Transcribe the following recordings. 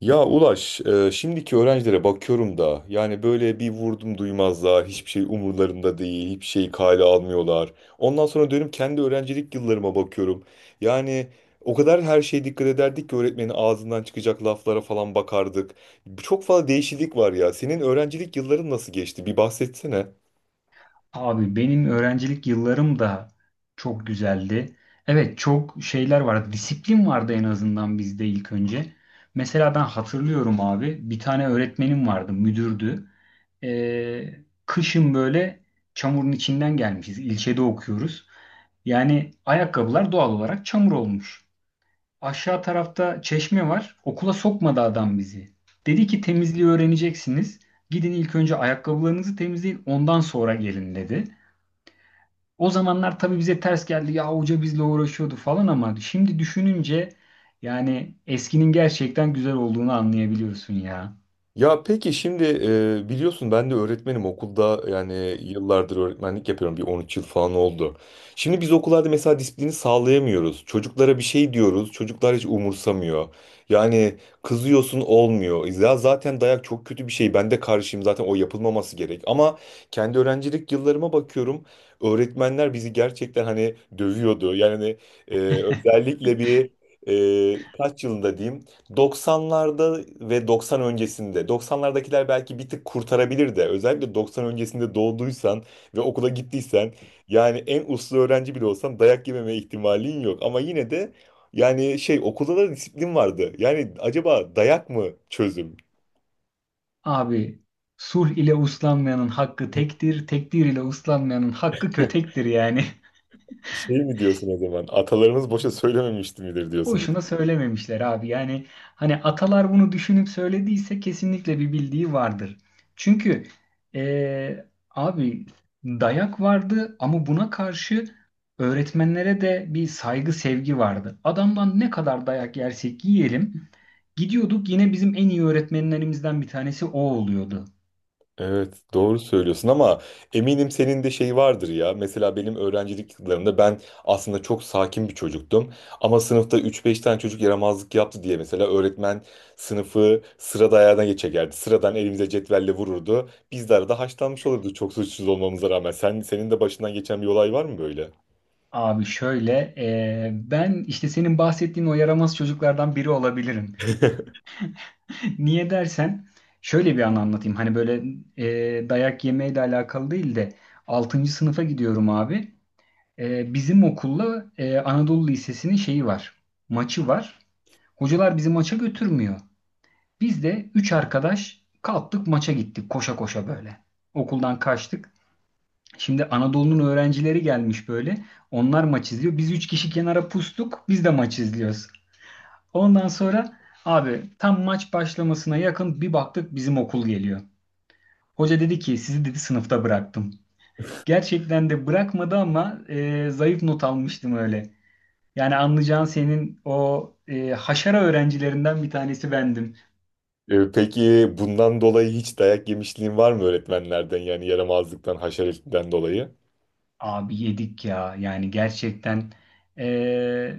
Ya Ulaş, şimdiki öğrencilere bakıyorum da yani böyle bir vurdum duymazlar, hiçbir şey umurlarında değil, hiçbir şeyi kale almıyorlar. Ondan sonra dönüp kendi öğrencilik yıllarıma bakıyorum. Yani o kadar her şeye dikkat ederdik ki öğretmenin ağzından çıkacak laflara falan bakardık. Çok fazla değişiklik var ya. Senin öğrencilik yılların nasıl geçti? Bir bahsetsene. Abi benim öğrencilik yıllarım da çok güzeldi. Evet çok şeyler vardı. Disiplin vardı en azından bizde ilk önce. Mesela ben hatırlıyorum abi bir tane öğretmenim vardı müdürdü. Kışın böyle çamurun içinden gelmişiz. İlçede okuyoruz. Yani ayakkabılar doğal olarak çamur olmuş. Aşağı tarafta çeşme var. Okula sokmadı adam bizi. Dedi ki temizliği öğreneceksiniz. Gidin ilk önce ayakkabılarınızı temizleyin ondan sonra gelin dedi. O zamanlar tabii bize ters geldi. Ya hoca bizle uğraşıyordu falan ama şimdi düşününce yani eskinin gerçekten güzel olduğunu anlayabiliyorsun ya. Ya peki şimdi biliyorsun ben de öğretmenim okulda, yani yıllardır öğretmenlik yapıyorum, bir 13 yıl falan oldu. Şimdi biz okullarda mesela disiplini sağlayamıyoruz. Çocuklara bir şey diyoruz, çocuklar hiç umursamıyor. Yani kızıyorsun, olmuyor. Ya zaten dayak çok kötü bir şey, ben de karşıyım zaten, o yapılmaması gerek. Ama kendi öğrencilik yıllarıma bakıyorum, öğretmenler bizi gerçekten hani dövüyordu. Yani özellikle bir kaç yılında diyeyim, 90'larda ve 90 öncesinde. 90'lardakiler belki bir tık kurtarabilir de. Özellikle 90 öncesinde doğduysan ve okula gittiysen, yani en uslu öğrenci bile olsan dayak yememe ihtimalin yok. Ama yine de yani şey, okulda da disiplin vardı. Yani acaba dayak mı çözüm? Abi sulh ile uslanmayanın hakkı tektir, tekdir ile uslanmayanın hakkı kötektir yani. Şey mi diyorsun o zaman? Atalarımız boşa söylememişti midir diyorsun? Boşuna söylememişler abi. Yani hani atalar bunu düşünüp söylediyse kesinlikle bir bildiği vardır. Çünkü abi dayak vardı ama buna karşı öğretmenlere de bir saygı sevgi vardı. Adamdan ne kadar dayak yersek yiyelim gidiyorduk yine bizim en iyi öğretmenlerimizden bir tanesi o oluyordu. Evet, doğru söylüyorsun ama eminim senin de şey vardır ya. Mesela benim öğrencilik yıllarımda ben aslında çok sakin bir çocuktum. Ama sınıfta üç beş tane çocuk yaramazlık yaptı diye mesela öğretmen sınıfı sıra dayağına geçerdi. Sıradan elimize cetvelle vururdu. Biz de arada haşlanmış olurdu, çok suçsuz olmamıza rağmen. Senin de başından geçen bir olay var mı böyle? Abi şöyle ben işte senin bahsettiğin o yaramaz çocuklardan biri olabilirim. Niye dersen şöyle bir an anlatayım. Hani böyle dayak yemeyle alakalı değil de altıncı sınıfa gidiyorum abi. Bizim okulla Anadolu Lisesi'nin şeyi var. Maçı var. Hocalar bizi maça götürmüyor. Biz de 3 arkadaş kalktık maça gittik koşa koşa böyle. Okuldan kaçtık. Şimdi Anadolu'nun öğrencileri gelmiş böyle. Onlar maç izliyor. Biz 3 kişi kenara pustuk. Biz de maç izliyoruz. Ondan sonra abi tam maç başlamasına yakın bir baktık bizim okul geliyor. Hoca dedi ki sizi dedi sınıfta bıraktım. Gerçekten de bırakmadı ama zayıf not almıştım öyle. Yani anlayacağın senin o haşara öğrencilerinden bir tanesi bendim. Peki bundan dolayı hiç dayak yemişliğin var mı öğretmenlerden, yani yaramazlıktan, haşeretinden dolayı? Abi yedik ya yani gerçekten. e,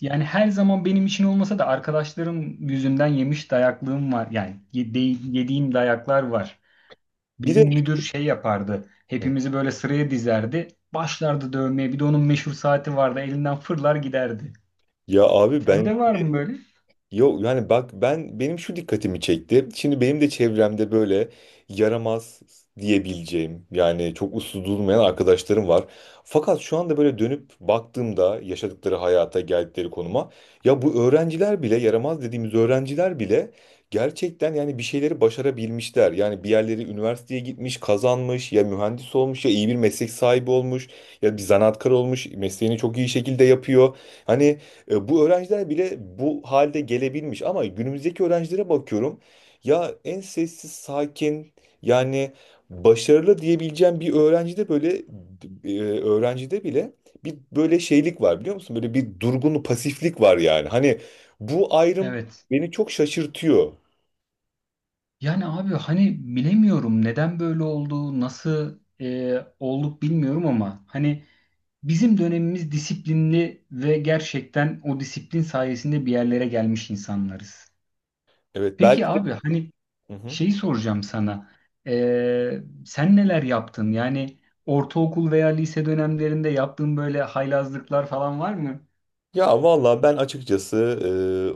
Yani her zaman benim için olmasa da arkadaşlarım yüzünden yemiş dayaklığım var. Yani yediğim dayaklar var. Bir Bizim de, müdür şey yapardı. Hepimizi böyle sıraya dizerdi. Başlardı dövmeye. Bir de onun meşhur saati vardı. Elinden fırlar giderdi. ya abi ben. Sende var mı böyle? Yok, yani bak, benim şu dikkatimi çekti. Şimdi benim de çevremde böyle yaramaz diyebileceğim, yani çok uslu durmayan arkadaşlarım var. Fakat şu anda böyle dönüp baktığımda yaşadıkları hayata, geldikleri konuma, ya bu öğrenciler bile, yaramaz dediğimiz öğrenciler bile gerçekten yani bir şeyleri başarabilmişler. Yani bir yerleri üniversiteye gitmiş, kazanmış, ya mühendis olmuş, ya iyi bir meslek sahibi olmuş, ya bir zanaatkar olmuş, mesleğini çok iyi şekilde yapıyor. Hani bu öğrenciler bile bu halde gelebilmiş, ama günümüzdeki öğrencilere bakıyorum. Ya en sessiz, sakin, yani başarılı diyebileceğim bir öğrencide böyle öğrencide bile bir böyle şeylik var, biliyor musun? Böyle bir durgun pasiflik var yani. Hani bu ayrım Evet. beni çok şaşırtıyor. Yani abi hani bilemiyorum neden böyle oldu, nasıl olduk bilmiyorum ama hani bizim dönemimiz disiplinli ve gerçekten o disiplin sayesinde bir yerlere gelmiş insanlarız. Evet, belki Peki de. abi hani Hı hı. şeyi soracağım sana. Sen neler yaptın? Yani ortaokul veya lise dönemlerinde yaptığın böyle haylazlıklar falan var mı? Ya valla ben açıkçası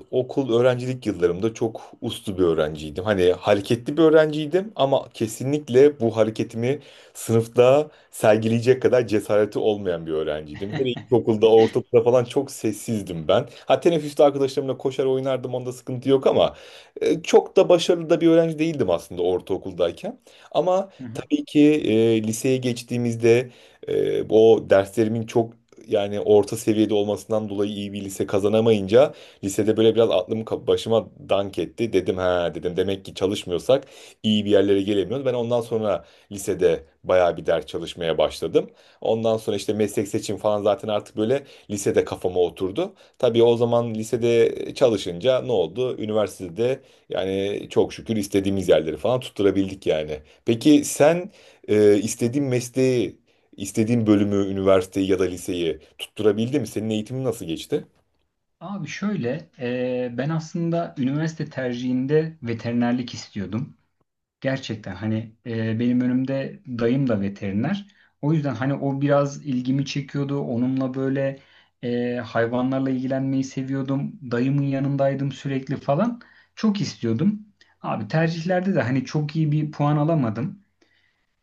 e, okul öğrencilik yıllarımda çok uslu bir öğrenciydim. Hani hareketli bir öğrenciydim ama kesinlikle bu hareketimi sınıfta sergileyecek kadar cesareti olmayan bir öğrenciydim. Hele ilkokulda, ortaokulda falan çok sessizdim ben. Ha, teneffüste arkadaşlarımla koşar oynardım, onda sıkıntı yok, ama çok da başarılı da bir öğrenci değildim aslında ortaokuldayken. Ama tabii ki liseye geçtiğimizde o derslerimin çok yani orta seviyede olmasından dolayı iyi bir lise kazanamayınca, lisede böyle biraz başıma dank etti. Dedim ha, dedim demek ki çalışmıyorsak iyi bir yerlere gelemiyoruz. Ben ondan sonra lisede bayağı bir ders çalışmaya başladım. Ondan sonra işte meslek seçim falan zaten artık böyle lisede kafama oturdu. Tabii o zaman lisede çalışınca ne oldu? Üniversitede yani çok şükür istediğimiz yerleri falan tutturabildik yani. Peki sen istediğin mesleği, İstediğin bölümü, üniversiteyi ya da liseyi tutturabildin mi? Senin eğitimin nasıl geçti? Abi şöyle, ben aslında üniversite tercihinde veterinerlik istiyordum. Gerçekten hani benim önümde dayım da veteriner. O yüzden hani o biraz ilgimi çekiyordu. Onunla böyle hayvanlarla ilgilenmeyi seviyordum. Dayımın yanındaydım sürekli falan. Çok istiyordum. Abi tercihlerde de hani çok iyi bir puan alamadım.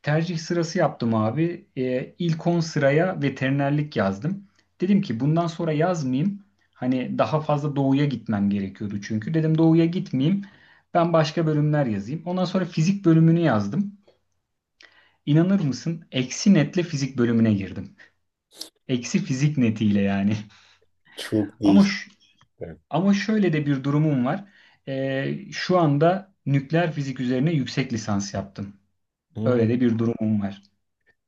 Tercih sırası yaptım abi. İlk 10 sıraya veterinerlik yazdım. Dedim ki bundan sonra yazmayayım. Hani daha fazla doğuya gitmem gerekiyordu çünkü. Dedim doğuya gitmeyeyim. Ben başka bölümler yazayım. Ondan sonra fizik bölümünü yazdım. İnanır mısın? Eksi netle fizik bölümüne girdim. Eksi fizik netiyle yani. Çok Ama değişik. ş- ama şöyle de bir durumum var. Şu anda nükleer fizik üzerine yüksek lisans yaptım. Hmm. Öyle de bir durumum var.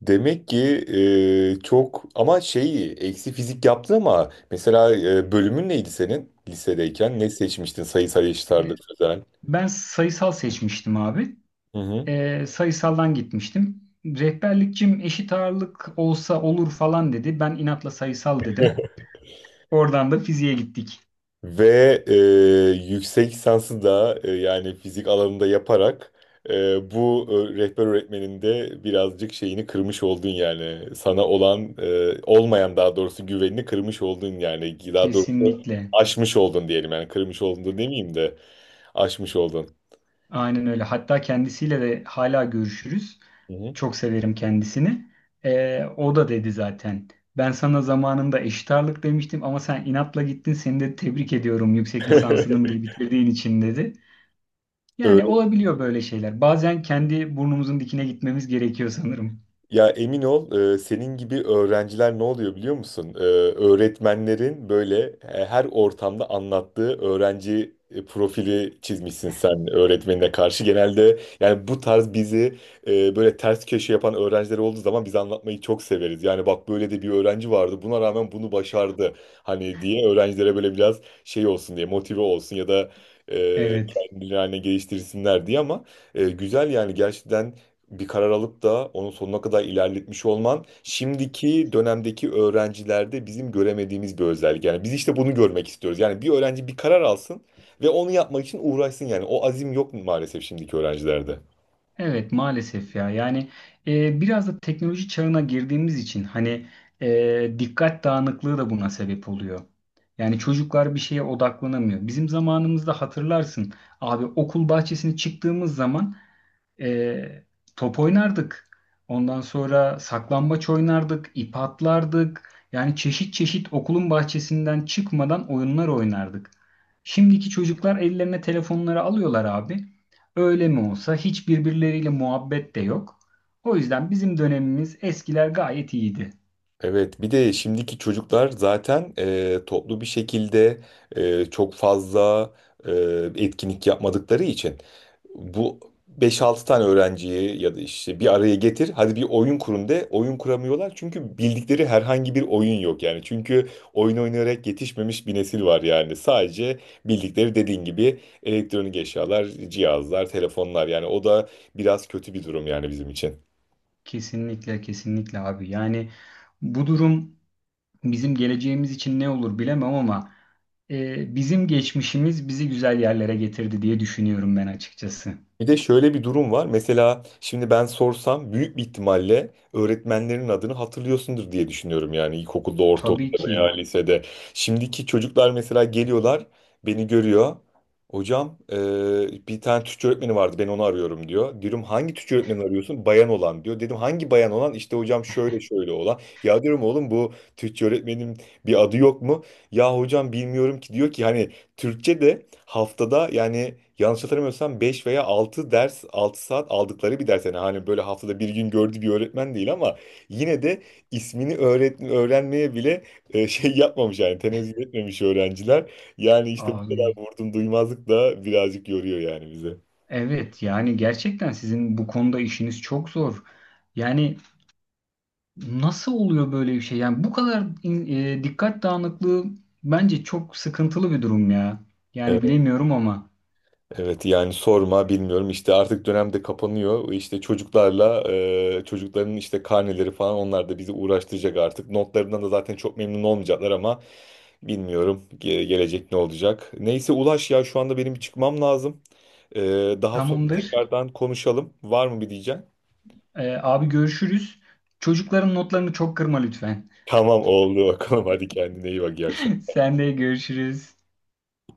Demek ki çok, ama şey, eksi fizik yaptı. Ama mesela bölümün neydi senin lisedeyken? Ne seçmiştin? Sayısal, eşit Ee, ağırlık, sözel. Ben sayısal seçmiştim abi. Hı hı. Sayısaldan gitmiştim. Rehberlikçim eşit ağırlık olsa olur falan dedi. Ben inatla sayısal dedim. Oradan da fiziğe gittik. Ve e, yüksek lisansı da yani fizik alanında yaparak bu rehber öğretmenin de birazcık şeyini kırmış oldun yani. Sana olan, olmayan daha doğrusu, güvenini kırmış oldun yani. Daha doğrusu Kesinlikle. aşmış oldun diyelim yani. Kırmış oldun demeyeyim de, aşmış oldun. Aynen öyle. Hatta kendisiyle de hala görüşürüz. Hı Çok severim kendisini. O da dedi zaten. Ben sana zamanında eşit ağırlık demiştim ama sen inatla gittin. Seni de tebrik ediyorum yüksek hı. lisansını bile bitirdiğin için dedi. Yani olabiliyor böyle şeyler. Bazen kendi burnumuzun dikine gitmemiz gerekiyor sanırım. Ya emin ol, senin gibi öğrenciler ne oluyor biliyor musun? Öğretmenlerin böyle her ortamda anlattığı öğrenci profili çizmişsin sen öğretmenine karşı. Genelde yani bu tarz bizi böyle ters köşe yapan öğrenciler olduğu zaman biz anlatmayı çok severiz. Yani bak, böyle de bir öğrenci vardı, buna rağmen bunu başardı hani diye, öğrencilere böyle biraz şey olsun diye, motive olsun ya da Evet. kendilerini geliştirsinler diye. Ama güzel yani, gerçekten bir karar alıp da onun sonuna kadar ilerletmiş olman şimdiki dönemdeki öğrencilerde bizim göremediğimiz bir özellik. Yani biz işte bunu görmek istiyoruz. Yani bir öğrenci bir karar alsın ve onu yapmak için uğraşsın yani. O azim yok mu maalesef şimdiki öğrencilerde. Evet maalesef ya yani biraz da teknoloji çağına girdiğimiz için hani dikkat dağınıklığı da buna sebep oluyor. Yani çocuklar bir şeye odaklanamıyor. Bizim zamanımızda hatırlarsın abi okul bahçesine çıktığımız zaman e, top oynardık. Ondan sonra saklambaç oynardık, ip atlardık. Yani çeşit çeşit okulun bahçesinden çıkmadan oyunlar oynardık. Şimdiki çocuklar ellerine telefonları alıyorlar abi. Öyle mi olsa hiç birbirleriyle muhabbet de yok. O yüzden bizim dönemimiz eskiler gayet iyiydi. Evet, bir de şimdiki çocuklar zaten toplu bir şekilde çok fazla e, etkinlik yapmadıkları için, bu beş altı tane öğrenciyi ya da işte bir araya getir. Hadi bir oyun kurun de. Oyun kuramıyorlar çünkü bildikleri herhangi bir oyun yok yani. Çünkü oyun oynayarak yetişmemiş bir nesil var yani. Sadece bildikleri dediğin gibi elektronik eşyalar, cihazlar, telefonlar, yani o da biraz kötü bir durum yani bizim için. Kesinlikle kesinlikle abi. Yani bu durum bizim geleceğimiz için ne olur bilemem ama bizim geçmişimiz bizi güzel yerlere getirdi diye düşünüyorum ben açıkçası. Bir de şöyle bir durum var. Mesela şimdi ben sorsam büyük bir ihtimalle öğretmenlerin adını hatırlıyorsundur diye düşünüyorum. Yani ilkokulda, Tabii ortaokulda veya ki lisede. Şimdiki çocuklar mesela geliyorlar, beni görüyor. Hocam bir tane Türkçe öğretmeni vardı, ben onu arıyorum diyor. Diyorum hangi Türkçe öğretmeni arıyorsun? Bayan olan diyor. Dedim hangi bayan olan? İşte hocam şöyle şöyle olan. Ya diyorum oğlum, bu Türkçe öğretmenin bir adı yok mu? Ya hocam bilmiyorum ki diyor ki, hani Türkçe de haftada, yani yanlış hatırlamıyorsam 5 veya 6 ders, 6 saat aldıkları bir ders yani, hani böyle haftada bir gün gördüğü bir öğretmen değil, ama yine de ismini öğrenmeye bile şey yapmamış, yani tenezzül etmemiş öğrenciler. Yani işte bu kadar abi. vurdum duymazlık da birazcık yoruyor yani bize. Evet yani gerçekten sizin bu konuda işiniz çok zor. Yani nasıl oluyor böyle bir şey? Yani bu kadar dikkat dağınıklığı bence çok sıkıntılı bir durum ya. Yani Evet, bilemiyorum ama evet yani sorma, bilmiyorum işte, artık dönemde kapanıyor işte çocuklarla, çocukların işte karneleri falan, onlar da bizi uğraştıracak, artık notlarından da zaten çok memnun olmayacaklar, ama bilmiyorum gelecek ne olacak. Neyse Ulaş, ya şu anda benim bir çıkmam lazım. Ee, daha sonra tamamdır. tekrardan konuşalım. Var mı bir diyeceğim? Abi görüşürüz. Çocukların notlarını çok kırma lütfen. Tamam, oldu bakalım, hadi kendine iyi bak, iyi akşamlar. Sen de görüşürüz.